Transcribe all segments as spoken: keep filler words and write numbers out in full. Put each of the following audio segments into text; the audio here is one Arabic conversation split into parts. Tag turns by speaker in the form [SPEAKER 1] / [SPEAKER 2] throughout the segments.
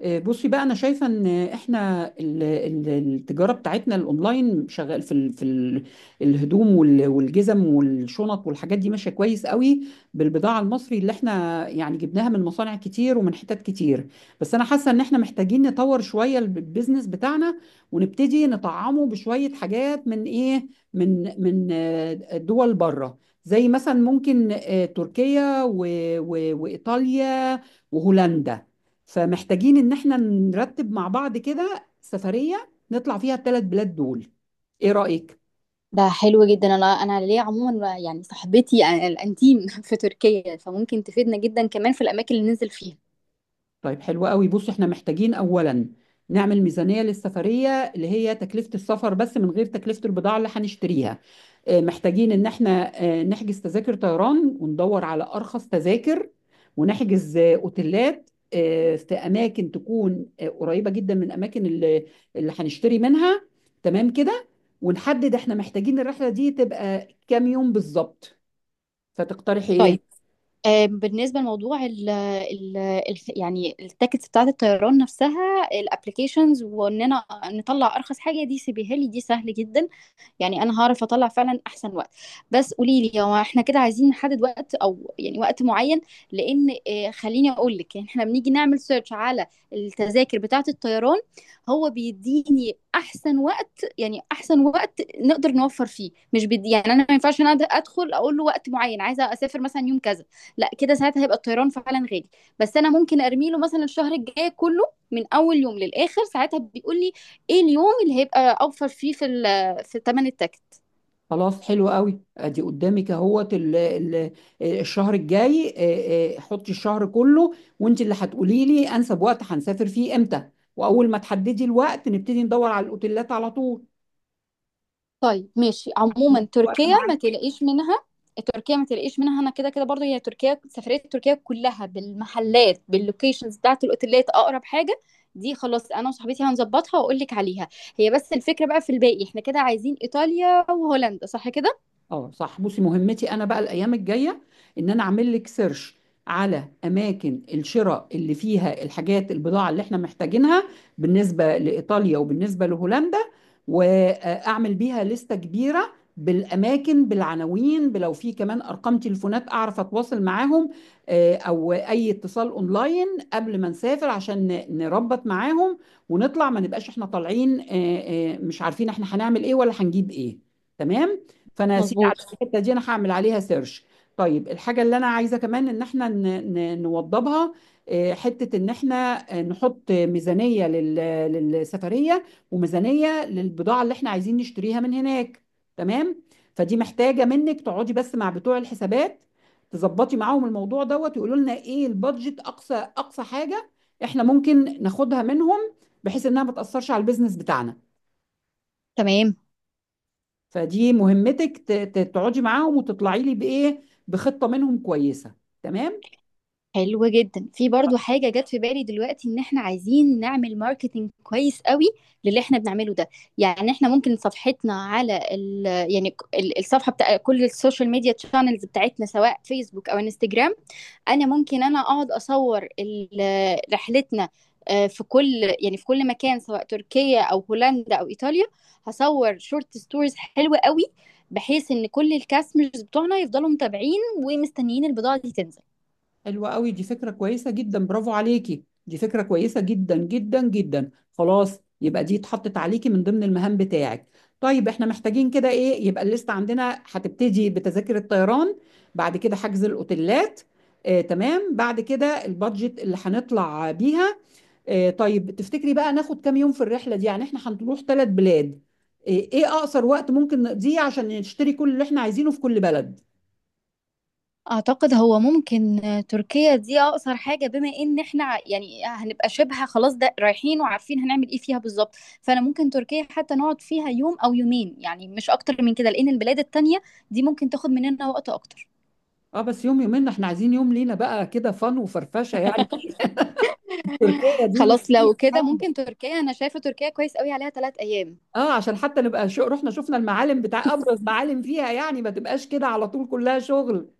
[SPEAKER 1] آه، بصي بقى انا شايفه ان احنا ال- ال- التجاره بتاعتنا الاونلاين شغال في ال في ال الهدوم وال- والجزم والشنط والحاجات دي ماشيه كويس قوي بالبضاعه المصري اللي احنا يعني جبناها من مصانع كتير ومن حتت كتير. بس انا حاسه ان احنا محتاجين نطور شويه الب- البيزنس بتاعنا ونبتدي نطعمه بشويه حاجات من ايه، من من آه، دول بره، زي مثلا ممكن آه، تركيا و- و- وايطاليا وهولندا. فمحتاجين ان احنا نرتب مع بعض كده سفرية نطلع فيها الثلاث بلاد دول. ايه رأيك؟
[SPEAKER 2] ده حلو جدا. انا انا ليا عموما يعني صاحبتي الانتيم في تركيا، فممكن تفيدنا جدا كمان في الاماكن اللي ننزل فيها.
[SPEAKER 1] طيب، حلو قوي. بص، احنا محتاجين اولا نعمل ميزانية للسفرية، اللي هي تكلفة السفر بس من غير تكلفة البضاعة اللي هنشتريها. آه، محتاجين ان احنا آه، نحجز تذاكر طيران وندور على ارخص تذاكر، ونحجز آه، اوتيلات آه، في اماكن تكون آه، قريبة جدا من اماكن اللي اللي هنشتري منها. تمام كده؟ ونحدد احنا محتاجين الرحلة دي تبقى كام يوم بالظبط. فتقترحي ايه؟
[SPEAKER 2] طيب، آه، بالنسبه لموضوع ال ال ال يعني التيكتس بتاعه الطيران نفسها، الابلكيشنز، واننا نطلع ارخص حاجه، دي سيبيهالي، دي سهل جدا. يعني انا هعرف اطلع فعلا احسن وقت. بس قولي لي، هو احنا كده عايزين نحدد وقت او يعني وقت معين؟ لان آه، خليني اقول لك، يعني احنا بنيجي نعمل سيرش على التذاكر بتاعة الطيران، هو بيديني احسن وقت، يعني احسن وقت نقدر نوفر فيه. مش بدي يعني، انا ما ينفعش انا ادخل اقول له وقت معين عايزه اسافر مثلا يوم كذا، لا، كده ساعتها هيبقى الطيران فعلا غالي. بس انا ممكن ارمي له مثلا الشهر الجاي كله، من اول يوم للاخر، ساعتها بيقول لي ايه اليوم اللي هيبقى اوفر فيه في ال في تمن التكت.
[SPEAKER 1] خلاص، حلو قوي. ادي قدامك اهوت ال- ال- الشهر الجاي. آه، آه، حطي الشهر كله، وانت اللي هتقولي لي انسب وقت هنسافر فيه امتى، واول ما تحددي الوقت نبتدي ندور على الاوتيلات على طول.
[SPEAKER 2] طيب ماشي. عموما
[SPEAKER 1] وقت
[SPEAKER 2] تركيا ما
[SPEAKER 1] معانا.
[SPEAKER 2] تلاقيش منها، تركيا ما تلاقيش منها، انا كده كده برضو هي تركيا، سفرية تركيا كلها بالمحلات، باللوكيشنز بتاعت الاوتيلات اقرب حاجة، دي خلاص انا وصاحبتي هنظبطها واقول لك عليها. هي بس الفكرة بقى في الباقي، احنا كده عايزين ايطاليا وهولندا، صح كده؟
[SPEAKER 1] اه صح. بصي، مهمتي انا بقى الايام الجايه ان انا اعمل لك سيرش على اماكن الشراء اللي فيها الحاجات، البضاعه اللي احنا محتاجينها بالنسبه لايطاليا وبالنسبه لهولندا، واعمل بيها لستة كبيره بالاماكن، بالعناوين، بلو في كمان ارقام تليفونات اعرف اتواصل معاهم، آه، او اي اتصال اونلاين قبل ما نسافر عشان ن- نربط معاهم ونطلع، ما نبقاش احنا طالعين آه، آه، مش عارفين احنا هنعمل ايه ولا هنجيب ايه. تمام؟ فانا يا سيدي
[SPEAKER 2] مظبوط
[SPEAKER 1] الحته دي انا هعمل عليها سيرش. طيب، الحاجه اللي انا عايزه كمان ان احنا ن- ن- نوضبها، آه، حته ان احنا آه، نحط ميزانيه لل- للسفريه وميزانيه للبضاعه اللي احنا عايزين نشتريها من هناك. تمام؟ فدي محتاجه منك تقعدي بس مع بتوع الحسابات، تظبطي معاهم الموضوع دوت، ويقولوا لنا ايه البادجت، اقصى اقصى حاجه احنا ممكن ناخدها منهم، بحيث انها ما تاثرش على البيزنس بتاعنا.
[SPEAKER 2] تمام.
[SPEAKER 1] فدي مهمتك، ت- ت- تقعدي معاهم وتطلعي لي بايه، بخطه منهم كويسه. تمام؟
[SPEAKER 2] حلو جدا، في برضو حاجة جت في بالي دلوقتي، ان احنا عايزين نعمل ماركتينج كويس قوي للي احنا بنعمله ده. يعني احنا ممكن صفحتنا على ال يعني ك- ال- الصفحة بتاع كل السوشيال ميديا تشانلز بتاعتنا، سواء فيسبوك او انستجرام، انا ممكن انا اقعد اصور ال- رحلتنا، آه، في كل يعني في كل مكان، سواء تركيا او هولندا او ايطاليا. هصور شورت ستوريز حلوة قوي، بحيث ان كل الكاستمرز بتوعنا يفضلوا متابعين ومستنيين البضاعة دي تنزل.
[SPEAKER 1] حلوه قوي دي، فكره كويسه جدا. برافو عليكي، دي فكره كويسه جدا جدا جدا. خلاص، يبقى دي اتحطت عليكي من ضمن المهام بتاعك. طيب، احنا محتاجين كده ايه، يبقى الليست عندنا هتبتدي بتذاكر الطيران، بعد كده حجز الاوتيلات، آه تمام، بعد كده البادجت اللي هنطلع بيها. آه، طيب، تفتكري بقى ناخد كام يوم في الرحلة دي؟ يعني احنا هنروح ثلاث بلاد، آه، ايه اقصر وقت ممكن نقضيه عشان نشتري كل اللي احنا عايزينه في كل بلد؟
[SPEAKER 2] اعتقد هو ممكن تركيا دي اقصر حاجه، بما ان احنا ع- يعني هنبقى شبه خلاص ده رايحين وعارفين هنعمل ايه فيها بالظبط. فانا ممكن تركيا حتى نقعد فيها يوم او يومين، يعني مش اكتر من كده، لان البلاد التانية دي ممكن تاخد مننا وقت اكتر.
[SPEAKER 1] اه، بس يوم يومين، احنا عايزين يوم لينا بقى كده فن وفرفشة يعني، تركيا دي مش
[SPEAKER 2] خلاص،
[SPEAKER 1] أي
[SPEAKER 2] لو كده
[SPEAKER 1] حاجة.
[SPEAKER 2] ممكن تركيا، انا شايفه تركيا كويس قوي عليها ثلاث ايام.
[SPEAKER 1] اه عشان حتى نبقى شو رحنا شفنا المعالم بتاع ابرز معالم فيها، يعني ما تبقاش كده على طول كلها شغل.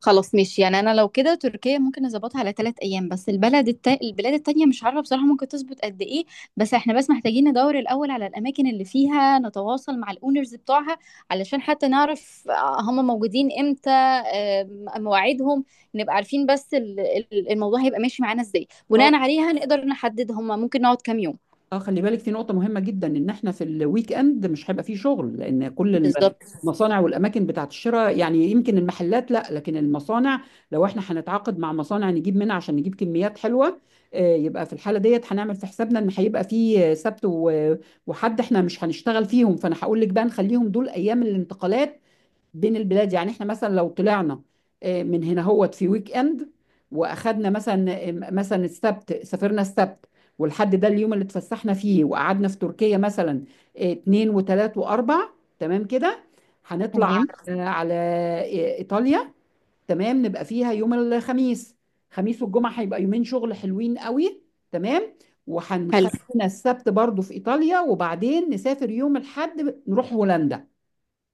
[SPEAKER 2] خلاص ماشي، يعني انا لو كده تركيا ممكن نظبطها على ثلاث ايام، بس البلد التا... البلاد التانية مش عارفة بصراحة ممكن تظبط قد ايه. بس احنا بس محتاجين ندور الاول على الاماكن اللي فيها نتواصل مع الاونرز بتوعها، علشان حتى نعرف آه، هم موجودين امتى، آه، مواعيدهم، نبقى عارفين بس ال- ال- الموضوع هيبقى ماشي معانا ازاي،
[SPEAKER 1] اه،
[SPEAKER 2] بناء عليها نقدر نحدد هم ممكن نقعد كام يوم
[SPEAKER 1] اه، خلي بالك في نقطة مهمة جدا، ان احنا في الويك اند مش هيبقى فيه شغل، لان كل
[SPEAKER 2] بالظبط.
[SPEAKER 1] المصانع والاماكن بتاعت الشراء، يعني يمكن المحلات لا، لكن المصانع، لو احنا هنتعاقد مع مصانع نجيب منها عشان نجيب كميات حلوة، آه، يبقى في الحالة ديت هنعمل في حسابنا ان هيبقى فيه سبت و- وحد احنا مش هنشتغل فيهم. فانا هقول لك بقى نخليهم دول ايام الانتقالات بين البلاد. يعني احنا مثلا لو طلعنا آه، من هنا هوت في ويك اند، واخدنا مثلا آه، مثلا السبت، سافرنا السبت، والحد ده اليوم اللي اتفسحنا فيه وقعدنا في تركيا مثلا، آه، اتنين وتلات واربع. تمام كده؟ هنطلع
[SPEAKER 2] تمام.
[SPEAKER 1] على على، آه، ايطاليا. تمام، نبقى فيها يوم الخميس. خميس والجمعة هيبقى يومين شغل حلوين قوي. تمام؟
[SPEAKER 2] حلو،
[SPEAKER 1] وهنخلينا السبت برضو في ايطاليا، وبعدين نسافر يوم الحد نروح هولندا.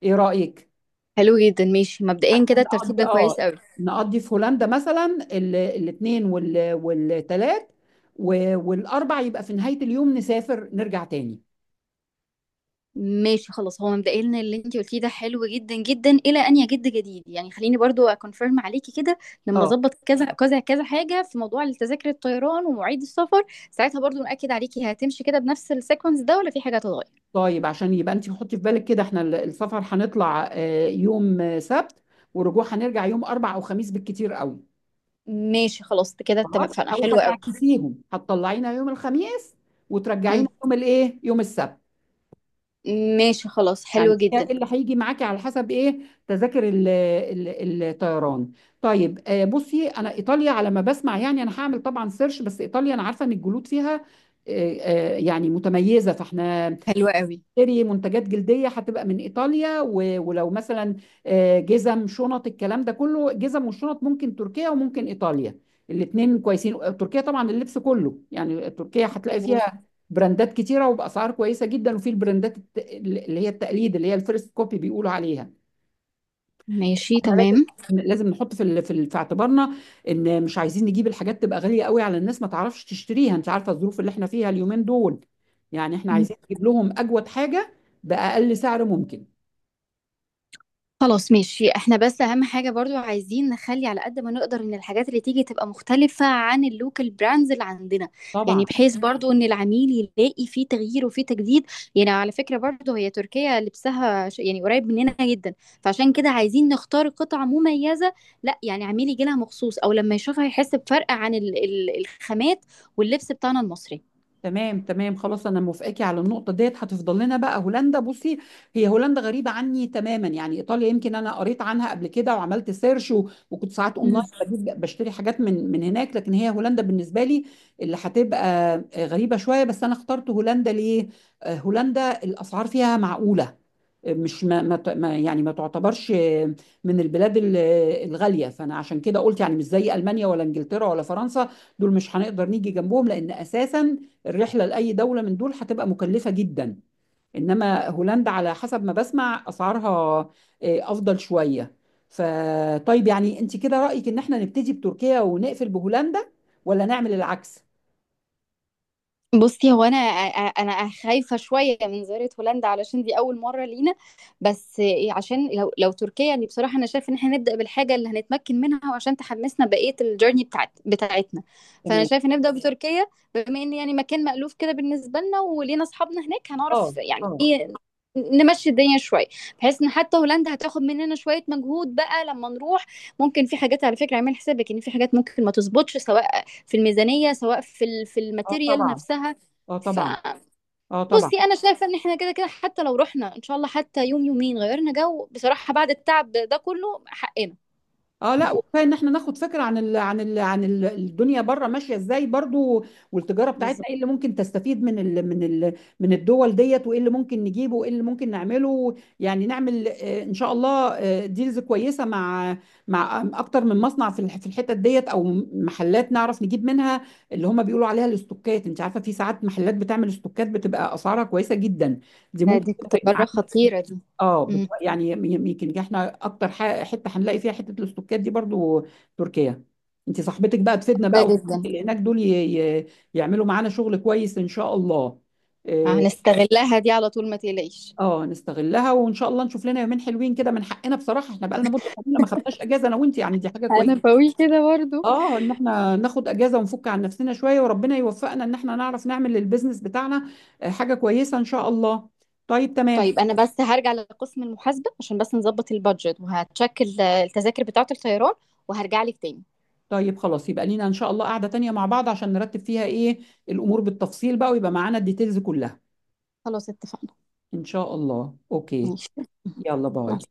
[SPEAKER 1] ايه رأيك؟
[SPEAKER 2] حلو جدا، ماشي. مبدئيا كده الترتيب
[SPEAKER 1] نقضي
[SPEAKER 2] ده كويس
[SPEAKER 1] اه
[SPEAKER 2] قوي.
[SPEAKER 1] نقضي في هولندا مثلا الاثنين والثلاث والاربع، يبقى في نهاية اليوم نسافر نرجع تاني.
[SPEAKER 2] ماشي خلاص، هو مبدئيا اللي انت قلتيه ده حلو جدا جدا الى ان يجد جديد. يعني خليني برضو اكونفيرم عليكي كده، لما
[SPEAKER 1] اه.
[SPEAKER 2] اظبط كذا كذا كذا حاجه في موضوع التذاكر الطيران ومواعيد السفر، ساعتها برضو ناكد عليكي هتمشي كده بنفس السيكونس ده ولا في حاجه هتتغير.
[SPEAKER 1] طيب، عشان يبقى انت حطي في بالك كده، احنا ال- السفر هنطلع آه، يوم آه، سبت، ورجوع هنرجع يوم اربع او خميس بالكتير قوي.
[SPEAKER 2] ماشي خلاص، كده
[SPEAKER 1] خلاص،
[SPEAKER 2] اتفقنا،
[SPEAKER 1] او
[SPEAKER 2] حلو قوي.
[SPEAKER 1] هتعكسيهم، هتطلعينا يوم الخميس وترجعينا
[SPEAKER 2] مم.
[SPEAKER 1] يوم الايه يوم السبت.
[SPEAKER 2] ماشي خلاص،
[SPEAKER 1] يعني
[SPEAKER 2] حلو
[SPEAKER 1] هي
[SPEAKER 2] جدا.
[SPEAKER 1] اللي هيجي معاكي على حسب ايه، تذاكر ال- ال- الطيران. طيب، آه، بصي، انا ايطاليا على ما بسمع، يعني انا هعمل طبعا سيرش، بس ايطاليا انا عارفه ان الجلود فيها آه، آه، يعني متميزه. فاحنا
[SPEAKER 2] حلو قوي.
[SPEAKER 1] تشتري منتجات جلديه هتبقى من ايطاليا، و- ولو مثلا آه، جزم، شنط، الكلام ده كله، جزم والشنط ممكن تركيا وممكن ايطاليا، الاثنين كويسين. تركيا طبعا اللبس كله، يعني تركيا هتلاقي
[SPEAKER 2] مظبوط.
[SPEAKER 1] فيها براندات كتيره وباسعار كويسه جدا، وفي البراندات الت- اللي هي التقليد، اللي هي الفيرست كوبي بيقولوا عليها.
[SPEAKER 2] ماشي
[SPEAKER 1] لازم،
[SPEAKER 2] تمام.
[SPEAKER 1] لازم نحط في ال- في ال- في اعتبارنا ان مش عايزين نجيب الحاجات تبقى غاليه قوي على الناس ما تعرفش تشتريها، انت عارفه الظروف اللي احنا فيها اليومين دول. يعني احنا عايزين نجيب لهم اجود حاجه باقل سعر ممكن.
[SPEAKER 2] خلاص ماشي، احنا بس اهم حاجة برضو عايزين نخلي على قد ما نقدر ان الحاجات اللي تيجي تبقى مختلفة عن اللوكال براندز اللي عندنا. يعني
[SPEAKER 1] طبعا.
[SPEAKER 2] بحيث برضو ان العميل يلاقي فيه تغيير وفيه تجديد. يعني على فكرة برضو هي تركيا لبسها ش- يعني قريب مننا جدا، فعشان كده عايزين نختار قطع مميزة، لا يعني عميل يجي لها مخصوص او لما يشوفها يحس بفرق عن ال- ال- الخامات واللبس بتاعنا المصري.
[SPEAKER 1] تمام، تمام، خلاص، انا موافقاكي على النقطه ديت. هتفضل لنا بقى هولندا. بصي، هي هولندا غريبه عني تماما، يعني ايطاليا يمكن انا قريت عنها قبل كده وعملت سيرش، و- وكنت ساعات اونلاين بجيب، بشتري حاجات من من هناك، لكن هي هولندا بالنسبه لي اللي هتبقى غريبه شويه. بس انا اخترت هولندا ليه؟ آه، هولندا الاسعار فيها معقوله، آه، مش ما ما ت- ما- يعني ما تعتبرش آه، من البلاد ال- آه، الغاليه. فانا عشان كده قلت، يعني مش زي المانيا ولا انجلترا ولا فرنسا، دول مش هنقدر نيجي جنبهم، لان اساسا الرحلة لأي دولة من دول هتبقى مكلفة جدا. إنما هولندا على حسب ما بسمع أسعارها آه، أفضل شوية. فطيب، يعني أنت كده رأيك إن إحنا نبتدي بتركيا ونقفل بهولندا، ولا نعمل العكس؟
[SPEAKER 2] بُصّي، هو أنا أ أ أنا خايفة شوية من زيارة هولندا علشان دي أول مرّة لينا، بس إيه، عشان لو لو تركيا، اللي بصراحة أنا شايفة إن إحنا نبدأ بالحاجة اللي هنتمكن منها وعشان تحمّسنا بقية الjourney بتاعت بتاعتنا، فأنا
[SPEAKER 1] تمام.
[SPEAKER 2] شايفة نبدأ بتركيا، بما إن يعني مكان مألوف كده بالنسبة لنا ولينا أصحابنا هناك،
[SPEAKER 1] اه،
[SPEAKER 2] هنعرف يعني
[SPEAKER 1] اه،
[SPEAKER 2] إيه، نمشّي الدنيا شوية، بحيث إن حتى هولندا هتاخد مننا شوية مجهود بقى لمّا نروح. ممكن في حاجات، على فكرة اعملي حسابِك إن في حاجات ممكن ما تضبطش، سواء في الميزانية سواء في ال- في
[SPEAKER 1] اه،
[SPEAKER 2] الماتيريال
[SPEAKER 1] طبعا.
[SPEAKER 2] نفسها.
[SPEAKER 1] اه، طبعا.
[SPEAKER 2] فبصي،
[SPEAKER 1] اه، طبعا.
[SPEAKER 2] انا شايفة ان احنا كده كده حتى لو رحنا ان شاء الله حتى يوم يومين غيرنا جو بصراحة، بعد التعب ده كله حقنا.
[SPEAKER 1] اه، لا، وكفايه ان احنا ناخد فكره عن ال عن ال عن ال الدنيا بره ماشيه ازاي برضو، والتجاره بتاعتنا
[SPEAKER 2] بالظبط.
[SPEAKER 1] ايه اللي ممكن تستفيد من ال من ال من الدول ديت، وايه اللي ممكن نجيبه وايه اللي ممكن نعمله. يعني نعمل آه، ان شاء الله ديلز كويسه مع مع اكتر من مصنع في الح- في الحتت ديت، او محلات نعرف نجيب منها، اللي هم بيقولوا عليها الاستوكات. انت عارفه في ساعات محلات بتعمل استوكات بتبقى اسعارها كويسه جدا، دي
[SPEAKER 2] آه،
[SPEAKER 1] ممكن
[SPEAKER 2] دي
[SPEAKER 1] تفرق.
[SPEAKER 2] تجربة خطيرة دي.
[SPEAKER 1] اه، بت...
[SPEAKER 2] مم.
[SPEAKER 1] يعني يمكن احنا اكتر ح... حته هنلاقي فيها حته الاستوكات دي برضو، تركيا. انت صاحبتك بقى تفيدنا
[SPEAKER 2] ده
[SPEAKER 1] بقى،
[SPEAKER 2] جدا.
[SPEAKER 1] وصاحبتك اللي هناك دول ي... ي... يعملوا معانا شغل كويس ان شاء الله. اه،
[SPEAKER 2] هنستغلها دي على طول، ما تقلقيش.
[SPEAKER 1] آه، نستغلها وان شاء الله نشوف لنا يومين حلوين كده، من حقنا بصراحه، احنا بقى لنا مده طويله ما خدناش اجازه انا وانت، يعني دي حاجه
[SPEAKER 2] انا
[SPEAKER 1] كويسه.
[SPEAKER 2] بقول كده برضو.
[SPEAKER 1] اه، ان احنا ناخد اجازه ونفك عن نفسنا شويه، وربنا يوفقنا ان احنا نعرف نعمل للبيزنس بتاعنا آه، حاجه كويسه ان شاء الله. طيب، تمام.
[SPEAKER 2] طيب انا بس هرجع لقسم المحاسبه عشان بس نظبط البادجت وهتشكل التذاكر بتاعه الطيران، وهرجع لك تاني.
[SPEAKER 1] طيب خلاص، يبقى لينا ان شاء الله قعدة تانية مع بعض عشان نرتب فيها ايه، الامور بالتفصيل بقى، ويبقى معانا الديتيلز كلها.
[SPEAKER 2] خلاص اتفقنا.
[SPEAKER 1] ان شاء الله. اوكي.
[SPEAKER 2] ماشي.
[SPEAKER 1] يلا،
[SPEAKER 2] مع
[SPEAKER 1] باي.